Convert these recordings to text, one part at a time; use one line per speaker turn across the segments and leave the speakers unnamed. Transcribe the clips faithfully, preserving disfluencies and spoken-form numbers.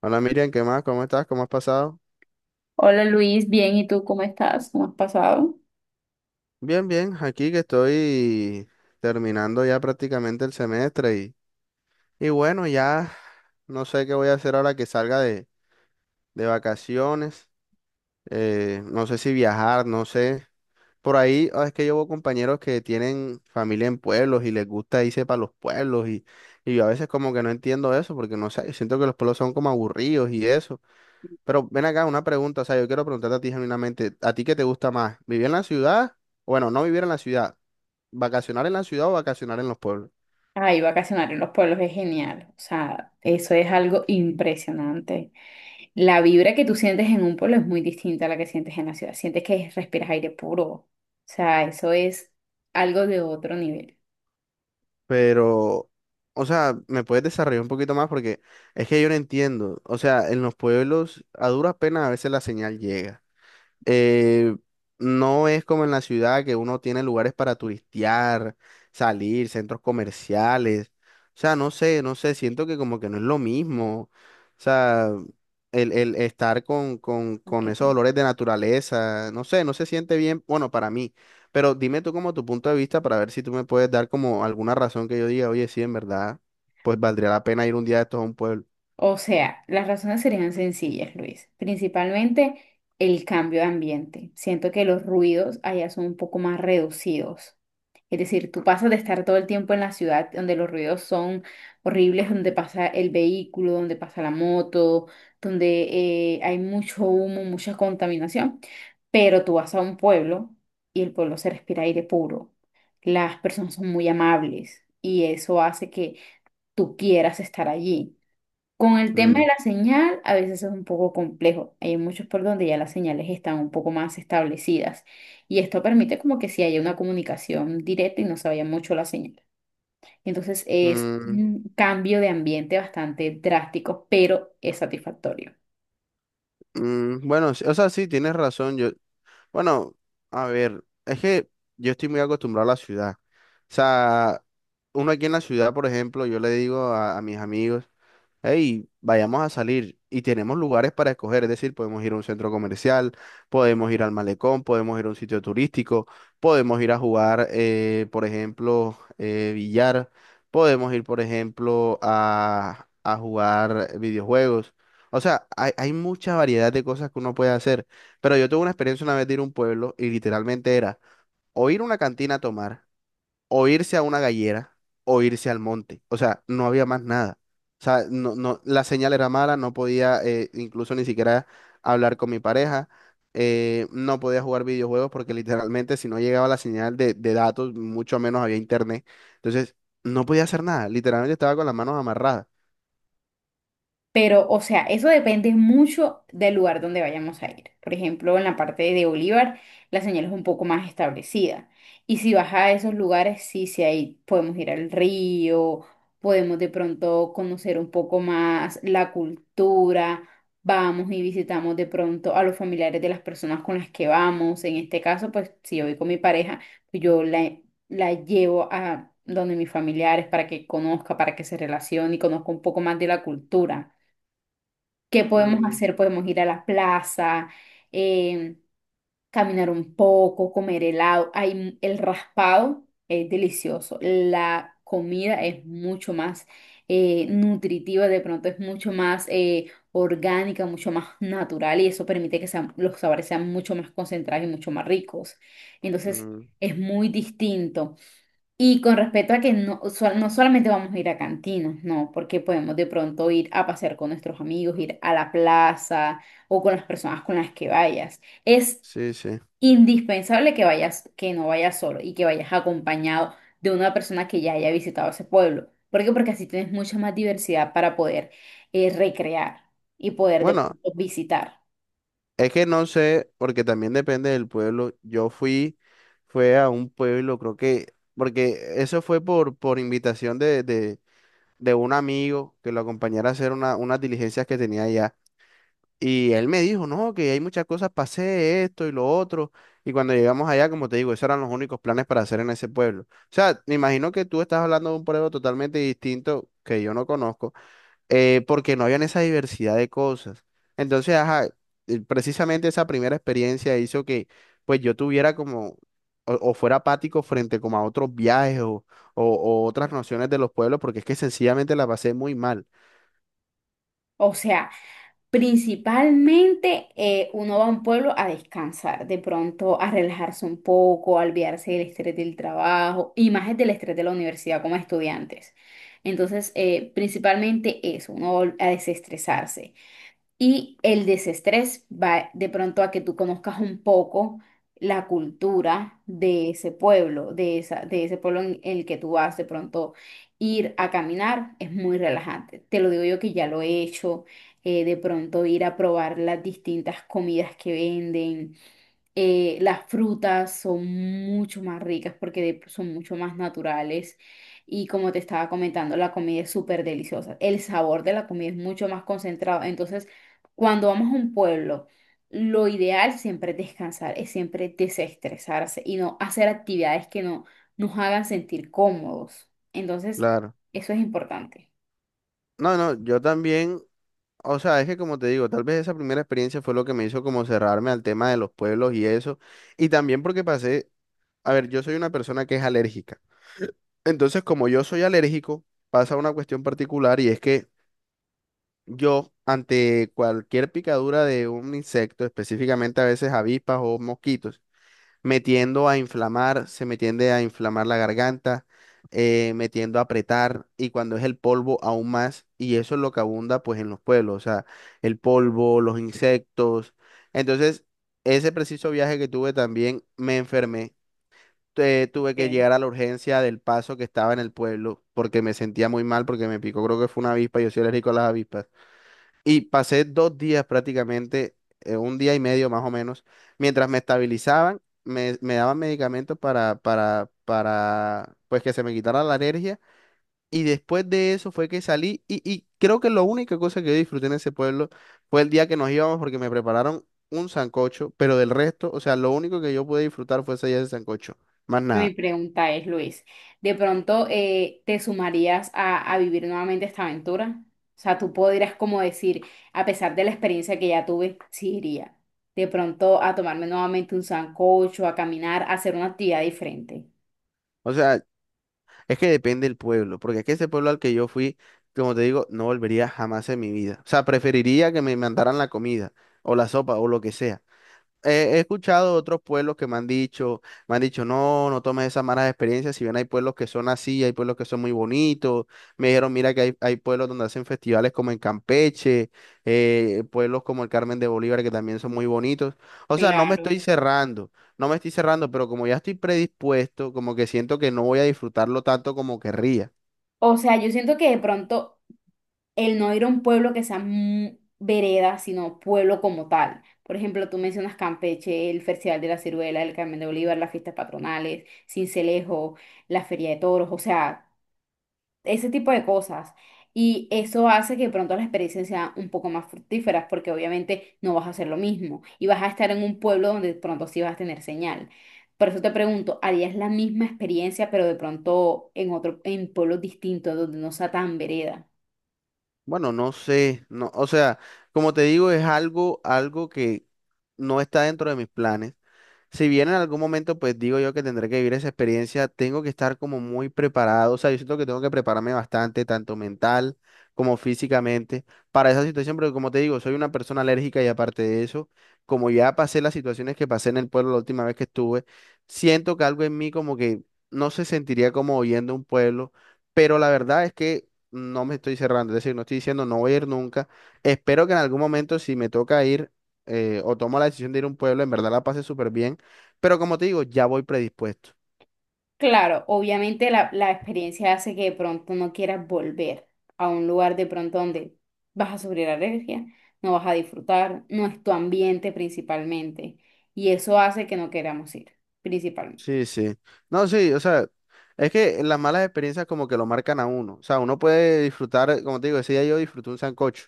Hola, Miriam, ¿qué más? ¿Cómo estás? ¿Cómo has pasado?
Hola Luis, bien, ¿y tú cómo estás? ¿Cómo has pasado?
Bien, bien, aquí que estoy terminando ya prácticamente el semestre y, y bueno, ya no sé qué voy a hacer ahora que salga de, de vacaciones. Eh, no sé si viajar, no sé. Por ahí ah, es que llevo compañeros que tienen familia en pueblos y les gusta irse para los pueblos y, y yo a veces como que no entiendo eso porque no sé, yo siento que los pueblos son como aburridos y eso. Pero ven acá una pregunta, o sea, yo quiero preguntarte a ti genuinamente, ¿a ti qué te gusta más? ¿Vivir en la ciudad? Bueno, no vivir en la ciudad, vacacionar en la ciudad o vacacionar en los pueblos.
Ay, vacacionar en los pueblos es genial, o sea, eso es algo impresionante. La vibra que tú sientes en un pueblo es muy distinta a la que sientes en la ciudad, sientes que respiras aire puro, o sea, eso es algo de otro nivel.
Pero, o sea, ¿me puedes desarrollar un poquito más? Porque es que yo no entiendo. O sea, en los pueblos a duras penas a veces la señal llega. eh, no es como en la ciudad que uno tiene lugares para turistear, salir, centros comerciales. O sea, no sé, no sé, siento que como que no es lo mismo. O sea, el, el estar con, con, con esos
Ok.
olores de naturaleza, no sé, no se siente bien, bueno, para mí. Pero dime tú como tu punto de vista para ver si tú me puedes dar como alguna razón que yo diga, oye, sí, en verdad, pues valdría la pena ir un día de estos a un pueblo.
O sea, las razones serían sencillas, Luis, principalmente el cambio de ambiente. Siento que los ruidos allá son un poco más reducidos. Es decir, tú pasas de estar todo el tiempo en la ciudad donde los ruidos son horribles, donde pasa el vehículo, donde pasa la moto, donde eh, hay mucho humo, mucha contaminación, pero tú vas a un pueblo y el pueblo se respira aire puro. Las personas son muy amables y eso hace que tú quieras estar allí. Con el tema de
Mm,
la señal, a veces es un poco complejo. Hay muchos por donde ya las señales están un poco más establecidas y esto permite como que si haya una comunicación directa y no se vaya mucho la señal. Entonces es
mm,
un cambio de ambiente bastante drástico, pero es satisfactorio.
mm, bueno, sí, o sea, sí, tienes razón. Yo, Bueno, a ver, es que yo estoy muy acostumbrado a la ciudad. O sea, uno aquí en la ciudad, por ejemplo, yo le digo a, a mis amigos, hey, vayamos a salir y tenemos lugares para escoger, es decir, podemos ir a un centro comercial, podemos ir al malecón, podemos ir a un sitio turístico, podemos ir a jugar, eh, por ejemplo, eh, billar, podemos ir, por ejemplo, a, a jugar videojuegos. O sea, hay, hay mucha variedad de cosas que uno puede hacer, pero yo tuve una experiencia una vez de ir a un pueblo y literalmente era o ir a una cantina a tomar o irse a una gallera o irse al monte. O sea, no había más nada. O sea, no, no, la señal era mala, no podía, eh, incluso ni siquiera hablar con mi pareja. Eh, no podía jugar videojuegos porque literalmente si no llegaba la señal de, de datos, mucho menos había internet. Entonces, no podía hacer nada, literalmente estaba con las manos amarradas.
Pero, o sea, eso depende mucho del lugar donde vayamos a ir. Por ejemplo, en la parte de Bolívar, la señal es un poco más establecida. Y si vas a esos lugares, sí, sí, ahí podemos ir al río, podemos de pronto conocer un poco más la cultura, vamos y visitamos de pronto a los familiares de las personas con las que vamos. En este caso, pues si yo voy con mi pareja, pues, yo la, la llevo a donde mis familiares para que conozca, para que se relacione y conozca un poco más de la cultura. ¿Qué podemos
Mm,
hacer? Podemos ir a la plaza, eh, caminar un poco, comer helado. Hay, m- el raspado es delicioso. La comida es mucho más eh, nutritiva, de pronto es mucho más eh, orgánica, mucho más natural y eso permite que sean- los sabores sean mucho más concentrados y mucho más ricos. Entonces
mm,
es muy distinto. Y con respecto a que no, sol- no solamente vamos a ir a cantinas, no, porque podemos de pronto ir a pasear con nuestros amigos, ir a la plaza o con las personas con las que vayas. Es
sí, sí.
indispensable que vayas, que no vayas solo y que vayas acompañado de una persona que ya haya visitado ese pueblo. ¿Por qué? Porque así tienes mucha más diversidad para poder eh, recrear y poder de
Bueno.
pronto visitar.
Es que no sé, porque también depende del pueblo. Yo fui, fue a un pueblo, creo que, porque eso fue por, por invitación de, de, de un amigo que lo acompañara a hacer una, unas diligencias que tenía allá. Y él me dijo, no, que hay muchas cosas para hacer, esto y lo otro. Y cuando llegamos allá, como te digo, esos eran los únicos planes para hacer en ese pueblo. O sea, me imagino que tú estás hablando de un pueblo totalmente distinto que yo no conozco, eh, porque no habían esa diversidad de cosas. Entonces, ajá, eh, precisamente esa primera experiencia hizo que pues yo tuviera como, o, o fuera apático frente como a otros viajes o, o, o otras nociones de los pueblos, porque es que sencillamente la pasé muy mal,
O sea, principalmente eh, uno va a un pueblo a descansar, de pronto a relajarse un poco, a olvidarse del estrés del trabajo y más es del estrés de la universidad como estudiantes. Entonces, eh, principalmente eso, uno va a desestresarse. Y el desestrés va de pronto a que tú conozcas un poco la cultura de ese pueblo, de esa, de ese pueblo en el que tú vas. De pronto ir a caminar es muy relajante. Te lo digo yo que ya lo he hecho. Eh, de pronto ir a probar las distintas comidas que venden, eh, las frutas son mucho más ricas porque de- son mucho más naturales y como te estaba comentando, la comida es súper deliciosa. El sabor de la comida es mucho más concentrado. Entonces, cuando vamos a un pueblo, lo ideal siempre es descansar, es siempre desestresarse y no hacer actividades que no nos hagan sentir cómodos. Entonces,
claro.
eso es importante.
No, no, yo también, o sea, es que como te digo, tal vez esa primera experiencia fue lo que me hizo como cerrarme al tema de los pueblos y eso, y también porque pasé, a ver, yo soy una persona que es alérgica. Entonces, como yo soy alérgico, pasa una cuestión particular y es que yo, ante cualquier picadura de un insecto, específicamente a veces avispas o mosquitos, me tiendo a inflamar, se me tiende a inflamar la garganta, eh, me tiendo a apretar y cuando es el polvo aún más, y eso es lo que abunda pues en los pueblos, o sea, el polvo, los insectos. Entonces, ese preciso viaje que tuve también me enfermé. Eh, tuve que llegar a la urgencia del paso que estaba en el pueblo porque me sentía muy mal porque me picó, creo que fue una avispa, yo soy alérgico a las avispas. Y pasé dos días prácticamente, eh, un día y medio más o menos, mientras me estabilizaban, me, me daban medicamentos para, para, para, pues que se me quitara la alergia. Y después de eso fue que salí y, y creo que la única cosa que yo disfruté en ese pueblo fue el día que nos íbamos porque me prepararon un sancocho, pero del resto, o sea, lo único que yo pude disfrutar fue ese día de sancocho, más
No, mi
nada.
pregunta es, Luis, ¿de pronto eh, te sumarías a, a vivir nuevamente esta aventura? O sea, tú podrías como decir, a pesar de la experiencia que ya tuve, sí iría. De pronto a tomarme nuevamente un sancocho, a caminar, a hacer una actividad diferente.
O sea, es que depende del pueblo, porque es que ese pueblo al que yo fui, como te digo, no volvería jamás en mi vida. O sea, preferiría que me mandaran la comida o la sopa o lo que sea. He he escuchado otros pueblos que me han dicho, me han dicho, no, no tomes esas malas experiencias, si bien hay pueblos que son así, hay pueblos que son muy bonitos, me dijeron, mira que hay, hay pueblos donde hacen festivales como en Campeche, eh, pueblos como el Carmen de Bolívar que también son muy bonitos, o sea, no me
Claro.
estoy cerrando, no me estoy cerrando, pero como ya estoy predispuesto, como que siento que no voy a disfrutarlo tanto como querría.
O sea, yo siento que de pronto el no ir a un pueblo que sea mm, vereda, sino pueblo como tal. Por ejemplo, tú mencionas Campeche, el Festival de la Ciruela, el Carmen de Bolívar, las fiestas patronales, Sincelejo, la Feria de Toros. O sea, ese tipo de cosas. Y eso hace que de pronto las experiencias sean un poco más fructíferas, porque obviamente no vas a hacer lo mismo y vas a estar en un pueblo donde de pronto sí vas a tener señal. Por eso te pregunto, ¿harías la misma experiencia, pero de pronto en otro, en pueblos distintos, donde no sea tan vereda?
Bueno, no sé, no, o sea, como te digo, es algo, algo que no está dentro de mis planes. Si bien en algún momento, pues digo yo que tendré que vivir esa experiencia, tengo que estar como muy preparado, o sea, yo siento que tengo que prepararme bastante, tanto mental como físicamente, para esa situación, porque como te digo, soy una persona alérgica y aparte de eso, como ya pasé las situaciones que pasé en el pueblo la última vez que estuve, siento que algo en mí como que no se sentiría como oyendo un pueblo, pero la verdad es que no me estoy cerrando, es decir, no estoy diciendo no voy a ir nunca, espero que en algún momento si me toca ir, eh, o tomo la decisión de ir a un pueblo, en verdad la pase súper bien, pero como te digo, ya voy predispuesto.
Claro, obviamente la, la experiencia hace que de pronto no quieras volver a un lugar de pronto donde vas a sufrir alergia, no vas a disfrutar, no es tu ambiente principalmente. Y eso hace que no queramos ir, principalmente.
Sí, sí. No, sí, o sea, es que las malas experiencias como que lo marcan a uno. O sea, uno puede disfrutar, eh, como te digo, ese día yo disfruté un sancocho.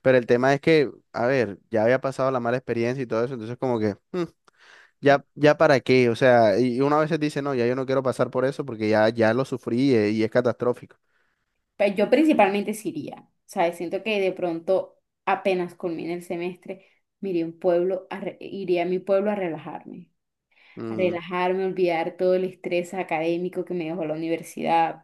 Pero el tema es que, a ver, ya había pasado la mala experiencia y todo eso, entonces como que, "Mm, ya, ya para qué". O sea, y y uno a veces dice, no, ya yo no quiero pasar por eso porque ya, ya lo sufrí, eh, y es catastrófico.
Pero yo principalmente sí iría, ¿sabes? Siento que de pronto apenas culmine el semestre, me iría a un pueblo, a re- iría a mi pueblo a relajarme.
Mm,
Relajarme, olvidar todo el estrés académico que me dejó la universidad,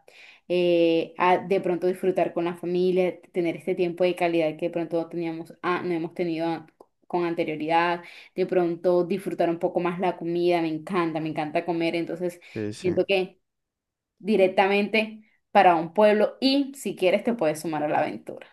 eh, a de pronto disfrutar con la familia, tener este tiempo de calidad que de pronto no teníamos, ah, no hemos tenido an- con anterioridad, de pronto disfrutar un poco más la comida, me encanta, me encanta comer, entonces
sí, sí.
siento que directamente para un pueblo y si quieres te puedes sumar a la aventura.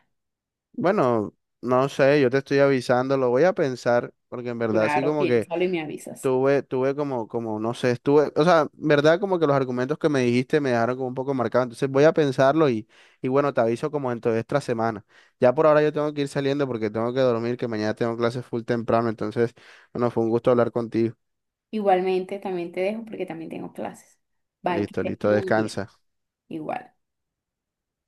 Bueno, no sé, yo te estoy avisando, lo voy a pensar, porque en verdad sí
Claro,
como que
piénsalo y me avisas.
Tuve, tuve como, como, no sé, estuve, o sea, verdad como que los argumentos que me dijiste me dejaron como un poco marcado, entonces voy a pensarlo, y, y bueno, te aviso como dentro de esta semana. Ya por ahora yo tengo que ir saliendo porque tengo que dormir, que mañana tengo clases full temprano, entonces, bueno, fue un gusto hablar contigo.
Igualmente, también te dejo porque también tengo clases. Bye, que
Listo,
estés
listo,
muy bien.
descansa.
Igual.